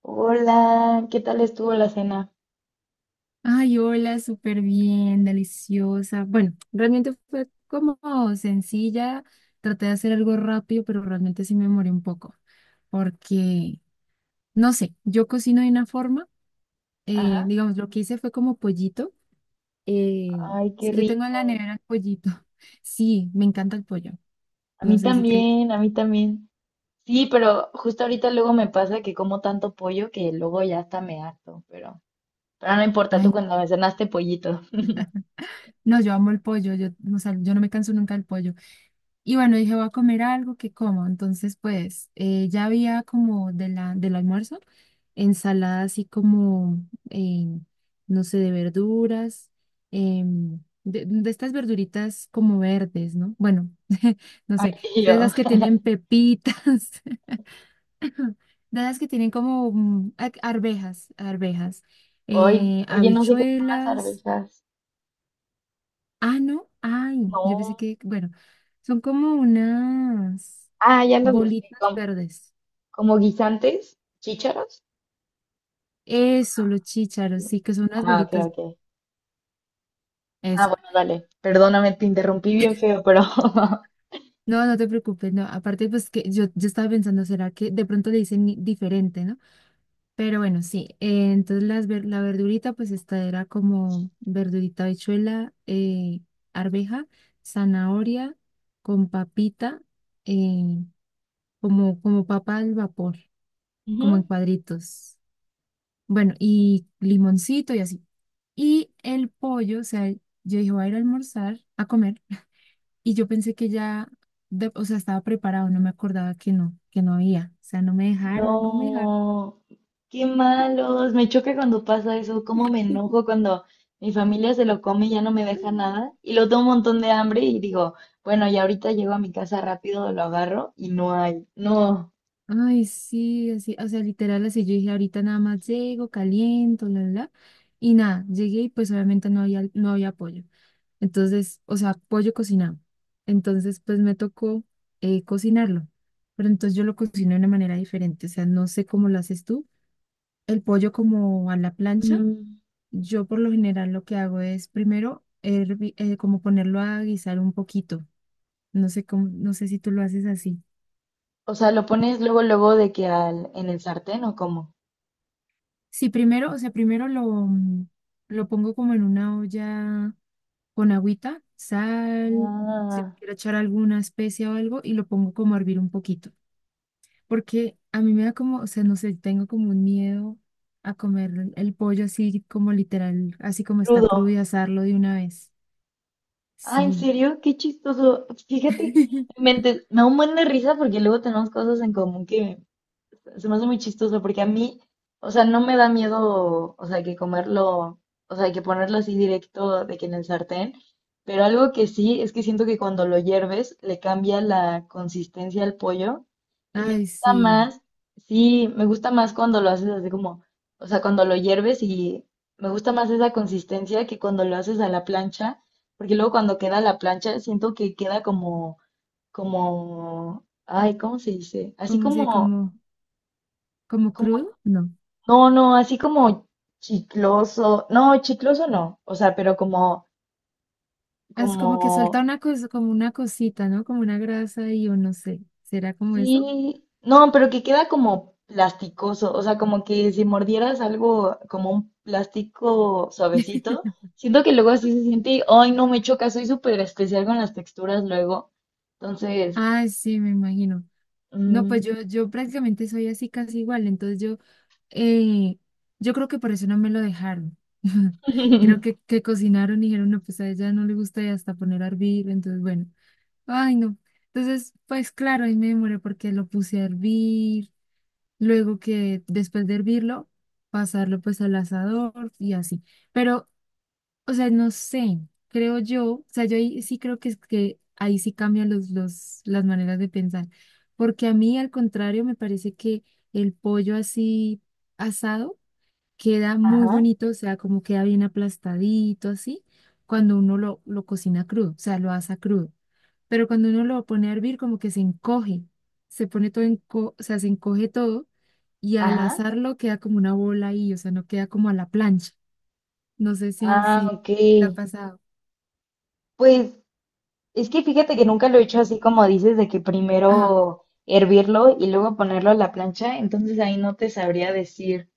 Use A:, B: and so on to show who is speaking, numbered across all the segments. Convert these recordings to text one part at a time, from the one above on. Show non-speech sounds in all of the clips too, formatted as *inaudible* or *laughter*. A: Hola, ¿qué tal estuvo la cena?
B: Ay, hola, súper bien, deliciosa. Bueno, realmente fue como sencilla. Traté de hacer algo rápido, pero realmente sí me demoré un poco. Porque, no sé, yo cocino de una forma.
A: Ajá.
B: Digamos, lo que hice fue como pollito. eh, o
A: Ay, qué
B: sea, yo tengo en la
A: rico.
B: nevera el pollito. *laughs* Sí, me encanta el pollo.
A: A
B: No
A: mí
B: sé si te...
A: también, a mí también. Sí, pero justo ahorita luego me pasa que como tanto pollo que luego ya hasta me harto, pero no importa, tú
B: Ay,
A: cuando me cenaste pollito. *laughs*
B: no, yo amo el pollo. O sea, yo no me canso nunca del pollo. Y bueno, dije, voy a comer algo que como. Entonces, pues, ya había como del almuerzo, ensalada así como, eh, no sé, de verduras, de estas verduritas como verdes, ¿no? Bueno, *laughs* no
A: Ay,
B: sé,
A: y
B: de
A: yo.
B: esas que tienen pepitas, *laughs* de esas que tienen como arvejas,
A: Hoy, oye, no sé qué son las
B: habichuelas.
A: arvejas.
B: Ah, no, ay, yo pensé
A: No.
B: que, bueno, son como unas
A: Ah, ya las busqué.
B: bolitas
A: ¿Como,
B: verdes.
A: como guisantes? ¿Chícharos?
B: Eso, los chícharos, sí, que son unas
A: Ah, ok,
B: bolitas.
A: ok. Ah,
B: Eso.
A: bueno, dale. Perdóname, te interrumpí bien feo, pero. *laughs*
B: No, no te preocupes, no. Aparte, pues que yo estaba pensando, ¿será que de pronto le dicen diferente, ¿no? Pero bueno, sí. Entonces la verdurita, pues esta era como verdurita, habichuela, arveja, zanahoria, con papita, eh, como, como papa al vapor, como en
A: Ujú.
B: cuadritos. Bueno, y limoncito y así. Y el pollo, o sea, yo dije, voy a ir a almorzar, a comer, y yo pensé que ya, o sea, estaba preparado, no me acordaba que no había. O sea, no me dejaron, no me dejaron.
A: No, qué malos. Me choca cuando pasa eso. Cómo me enojo cuando mi familia se lo come y ya no me deja nada.
B: *gasps*
A: Y lo tengo un montón de hambre y digo, bueno, y ahorita llego a mi casa rápido, lo agarro y no hay. No.
B: Ay, sí, así, o sea, literal, así yo dije, ahorita nada más llego, caliento, bla, bla, bla. Y nada, llegué y pues obviamente no había, no había pollo. Entonces, o sea, pollo cocinado. Entonces, pues me tocó cocinarlo. Pero entonces yo lo cocino de una manera diferente. O sea, no sé cómo lo haces tú. El pollo como a la plancha.
A: Mm,
B: Yo por lo general lo que hago es como ponerlo a guisar un poquito. No sé cómo, no sé si tú lo haces así.
A: o sea, lo pones luego, luego de que al, en el sartén o cómo.
B: Sí, primero, o sea, primero lo pongo como en una olla con agüita, sal, si
A: Ah,
B: quiero echar alguna especia o algo, y lo pongo como a hervir un poquito. Porque a mí me da como, o sea, no sé, tengo como un miedo a comer el pollo así como literal, así como está crudo
A: crudo.
B: y asarlo de una vez.
A: Ah, ¿en
B: Sí.
A: serio? Qué chistoso. Fíjate,
B: *laughs*
A: me da un buen de risa porque luego tenemos cosas en común que se me hace muy chistoso porque a mí, o sea, no me da miedo, o sea, que comerlo, o sea, que ponerlo así directo de que en el sartén, pero algo que sí es que siento que cuando lo hierves le cambia la consistencia al pollo y me
B: Ay,
A: gusta
B: sí.
A: más, sí, me gusta más cuando lo haces así como, o sea, cuando lo hierves y me gusta más esa consistencia que cuando lo haces a la plancha, porque luego cuando queda a la plancha siento que queda como, como, ay, ¿cómo se dice? Así
B: ¿Cómo se,
A: como
B: como, como crudo? No.
A: no, no, así como chicloso. No, chicloso no. O sea, pero como,
B: Es
A: como,
B: como que suelta una cosa, como una cosita, ¿no? Como una grasa y yo no sé. ¿Será como eso?
A: sí, no, pero que queda como plasticoso. O sea, como que si mordieras algo como un plástico suavecito,
B: *laughs*
A: siento que luego así se siente, y, ay, no me choca, soy súper especial con las texturas luego. Entonces,
B: Ay, sí, me imagino. No, pues
A: mm,
B: yo prácticamente soy así casi igual. Entonces Eh, yo creo que por eso no me lo dejaron. *laughs* Creo
A: *laughs*
B: que cocinaron y dijeron, no, pues a ella no le gusta y hasta poner a hervir. Entonces, bueno, ay, no. Entonces, pues claro, ahí me demoré porque lo puse a hervir. Luego que después de hervirlo, pasarlo pues al asador y así. Pero, o sea, no sé, creo yo, o sea, yo ahí sí creo que, es que ahí sí cambian las maneras de pensar. Porque a mí, al contrario, me parece que el pollo así asado queda muy
A: ajá,
B: bonito, o sea, como queda bien aplastadito, así, cuando uno lo cocina crudo, o sea, lo asa crudo. Pero cuando uno lo pone a hervir, como que se encoge, se pone todo, enco o sea, se encoge todo y al
A: ajá.
B: asarlo queda como una bola ahí, o sea, no queda como a la plancha. No sé
A: Ah,
B: si
A: ok.
B: te ha pasado.
A: Pues es que fíjate que nunca lo he hecho así como dices, de que
B: Ah,
A: primero hervirlo y luego ponerlo a la plancha, entonces ahí no te sabría decir,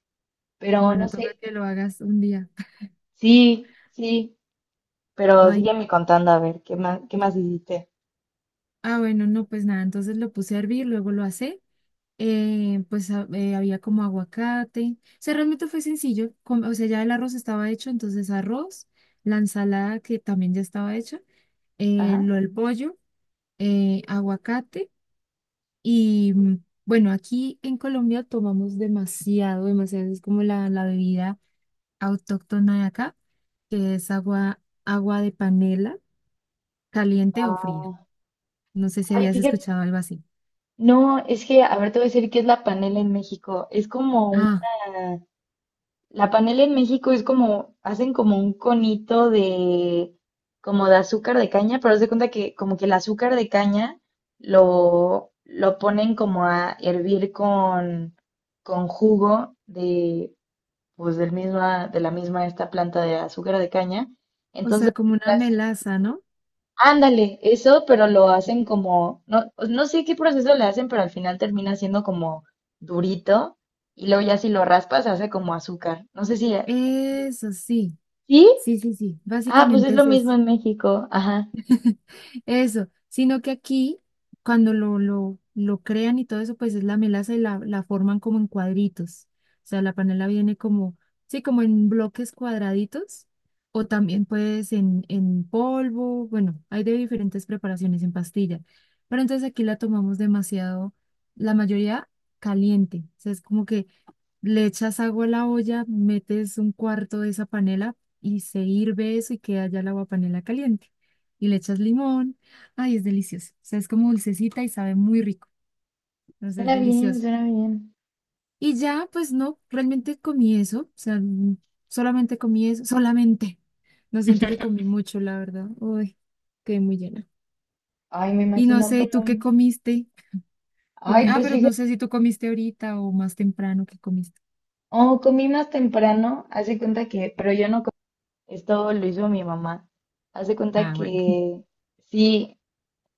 A: pero no
B: bueno, toca
A: sé,
B: que lo hagas un día. *laughs*
A: sí, sí,
B: Ay, no.
A: pero sígueme contando a ver, qué más hiciste?
B: Ah, bueno, no, pues nada, entonces lo puse a hervir, luego lo asé, había como aguacate. O sea, realmente fue sencillo. O sea, ya el arroz estaba hecho, entonces arroz, la ensalada que también ya estaba hecha,
A: Ajá.
B: lo del pollo, aguacate y bueno, aquí en Colombia tomamos demasiado, demasiado. Es como la bebida autóctona de acá, que es agua, agua de panela, caliente o fría.
A: Ah,
B: No sé si
A: ay,
B: habías
A: fíjate,
B: escuchado algo así.
A: no, es que, a ver, te voy a decir qué es la panela en México, es como una,
B: Ah,
A: la panela en México es como, hacen como un conito de, como de azúcar de caña, pero haz de cuenta que como que el azúcar de caña lo ponen como a hervir con jugo de, pues del misma, de la misma esta planta de azúcar de caña.
B: o
A: Entonces,
B: sea, como una
A: así,
B: melaza, ¿no?
A: ándale, eso, pero lo hacen como, no, pues, no sé qué proceso le hacen, pero al final termina siendo como durito y luego ya si lo raspas se hace como azúcar. No sé si...
B: Eso sí.
A: ¿Sí?
B: Sí, sí, sí,
A: Ah, pues es
B: básicamente
A: lo
B: es
A: mismo
B: eso.
A: en México. Ajá.
B: Eso, sino que aquí, cuando lo crean y todo eso, pues es la melaza y la forman como en cuadritos. O sea, la panela viene como, sí, como en bloques cuadraditos, o también pues en polvo, bueno, hay de diferentes preparaciones en pastilla. Pero entonces aquí la tomamos demasiado, la mayoría caliente. O sea, es como que le echas agua a la olla, metes un cuarto de esa panela y se hirve eso y queda ya el agua panela caliente. Y le echas limón. Ay, es delicioso. O sea, es como dulcecita y sabe muy rico. Entonces es
A: Suena bien,
B: delicioso.
A: suena bien.
B: Y ya, pues no, realmente comí eso. O sea, solamente comí eso. Solamente. No siento que
A: *laughs*
B: comí mucho, la verdad. Uy, quedé muy llena.
A: Ay, me
B: Y no
A: imagino,
B: sé, ¿y
A: pero.
B: tú qué comiste? Comí...
A: Ay,
B: Ah,
A: pues
B: pero no
A: fíjate.
B: sé si tú comiste ahorita o más temprano que comiste.
A: Oh, comí más temprano. Hace cuenta que. Pero yo no comí. Esto lo hizo mi mamá. Hace cuenta
B: Ah, bueno.
A: que. Sí,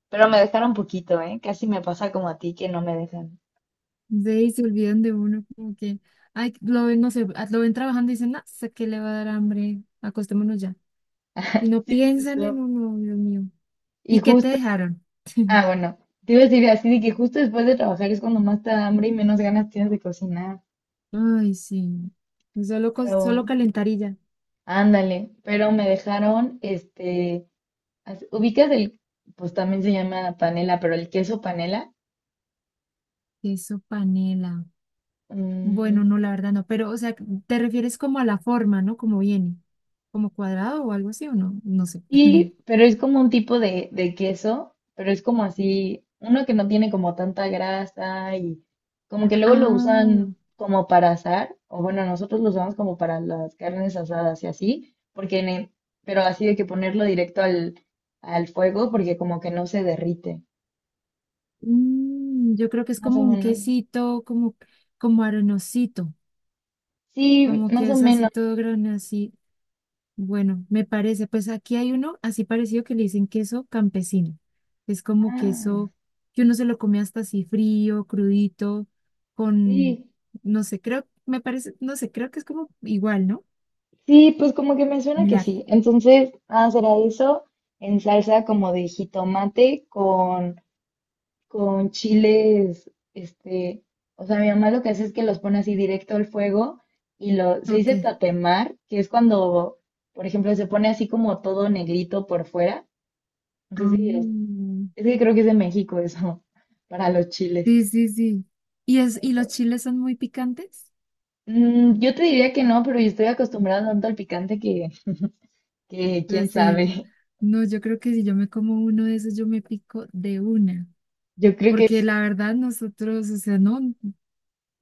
A: pero me dejaron poquito, ¿eh? Casi me pasa como a ti que no me dejan.
B: Ve y se olvidan de uno, como que, ay, lo ven, no sé, ah, lo ven trabajando y dicen, no, sé que le va a dar hambre, acostémonos ya. Y no
A: Sí,
B: piensan en
A: justo.
B: uno, Dios mío.
A: Y
B: ¿Y qué te
A: justo.
B: dejaron? *laughs*
A: Ah, bueno. Te iba a decir así de que justo después de trabajar es cuando más te da hambre y menos ganas tienes de cocinar.
B: Ay, sí. Solo
A: Pero.
B: calentar y ya.
A: Ándale. Pero me dejaron, este. As- ubicas el, pues también se llama panela, pero el queso panela.
B: Queso panela.
A: Mm,
B: Bueno, no, la verdad no. Pero, o sea, te refieres como a la forma, ¿no? Como viene. Como cuadrado o algo así, ¿o no? No sé. *laughs*
A: y, pero es como un tipo de queso, pero es como así, uno que no tiene como tanta grasa y como que luego lo usan
B: Ah,
A: como para asar, o bueno, nosotros lo usamos como para las carnes asadas y así, porque en el- pero así de que ponerlo directo al, al fuego porque como que no se derrite,
B: yo creo que es
A: más o
B: como un
A: menos.
B: quesito, como, como arenosito.
A: Sí,
B: Como
A: más
B: que
A: o
B: es así
A: menos.
B: todo grande, así. Bueno, me parece, pues aquí hay uno así parecido que le dicen queso campesino. Es como
A: Ah,
B: queso que uno se lo come hasta así frío, crudito, con,
A: sí.
B: no sé, creo, me parece, no sé, creo que es como igual, ¿no?
A: Sí, pues como que me suena que
B: Similar.
A: sí. Entonces, ah, será eso en salsa como de jitomate con chiles, este, o sea, mi mamá lo que hace es que los pone así directo al fuego y lo, se dice
B: Ok.
A: tatemar, que es cuando, por ejemplo, se pone así como todo negrito por fuera. No sé si es,
B: Ah,
A: es que creo que es de México eso, *laughs* para los chiles.
B: sí, sí, sí. ¿Y, es, y los chiles son muy picantes?
A: Mm, yo te diría que no, pero yo estoy acostumbrada tanto al picante que quién
B: Pues sí.
A: sabe.
B: No, yo creo que si yo me como uno de esos, yo me pico de una.
A: *laughs* Yo creo que
B: Porque
A: sí.
B: la verdad, nosotros, o sea, no.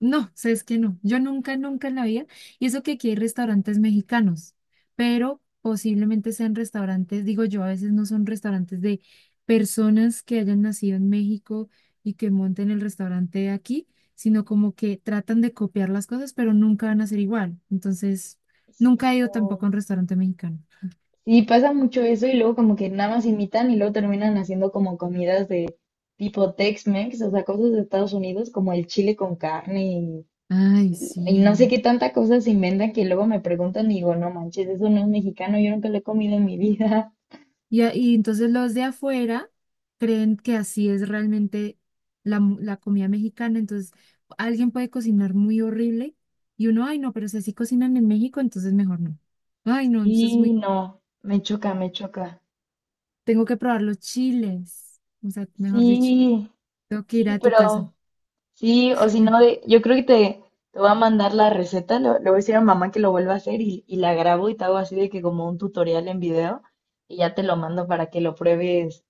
B: No, sabes que no. Yo nunca, nunca en la vida. Y eso que aquí hay restaurantes mexicanos, pero posiblemente sean restaurantes, digo yo, a veces no son restaurantes de personas que hayan nacido en México y que monten el restaurante de aquí, sino como que tratan de copiar las cosas, pero nunca van a ser igual. Entonces,
A: Sí,
B: nunca he ido tampoco
A: no.
B: a un restaurante mexicano.
A: Sí, pasa mucho eso y luego como que nada más imitan y luego terminan haciendo como comidas de tipo Tex-Mex, o sea, cosas de Estados Unidos como el chile con carne
B: Ay,
A: y no sé
B: sí.
A: qué tanta cosa se inventan que luego me preguntan y digo, no manches, eso no es mexicano, yo nunca lo he comido en mi vida. *laughs*
B: Y, y entonces los de afuera creen que así es realmente la, la comida mexicana. Entonces alguien puede cocinar muy horrible y uno, ay no, pero si así cocinan en México, entonces mejor no. Ay no, entonces es
A: Y
B: muy,
A: no, me choca, me choca.
B: tengo que probar los chiles. O sea, mejor dicho,
A: Sí,
B: tengo que ir
A: sí,
B: a tu casa.
A: pero... Sí, o si no,
B: *laughs*
A: de- yo creo que te voy a mandar la receta, lo le voy a decir a mamá que lo vuelva a hacer y la grabo y te hago así de que como un tutorial en video y ya te lo mando para que lo pruebes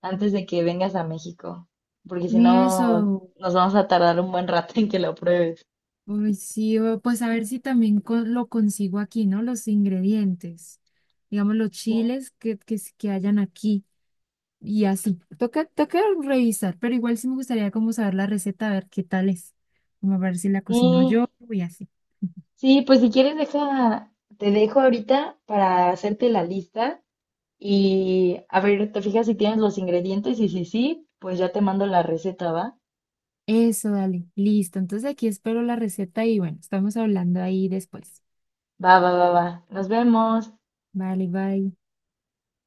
A: antes de que vengas a México, porque si
B: ni eso,
A: no nos vamos a tardar un buen rato en que lo pruebes.
B: uy, sí, pues a ver si también lo consigo aquí, ¿no? Los ingredientes, digamos los chiles que hayan aquí. Y así, toca, toca revisar, pero igual sí me gustaría como saber la receta, a ver qué tal es, como a ver si la cocino yo
A: Sí,
B: y así.
A: sí, pues si quieres deja, te dejo ahorita para hacerte la lista y a ver, te fijas si tienes los ingredientes y si sí, pues ya te mando la receta, ¿va?
B: Eso, dale, listo. Entonces aquí espero la receta y bueno, estamos hablando ahí después.
A: Va, va, va, va. Nos vemos.
B: Vale, bye.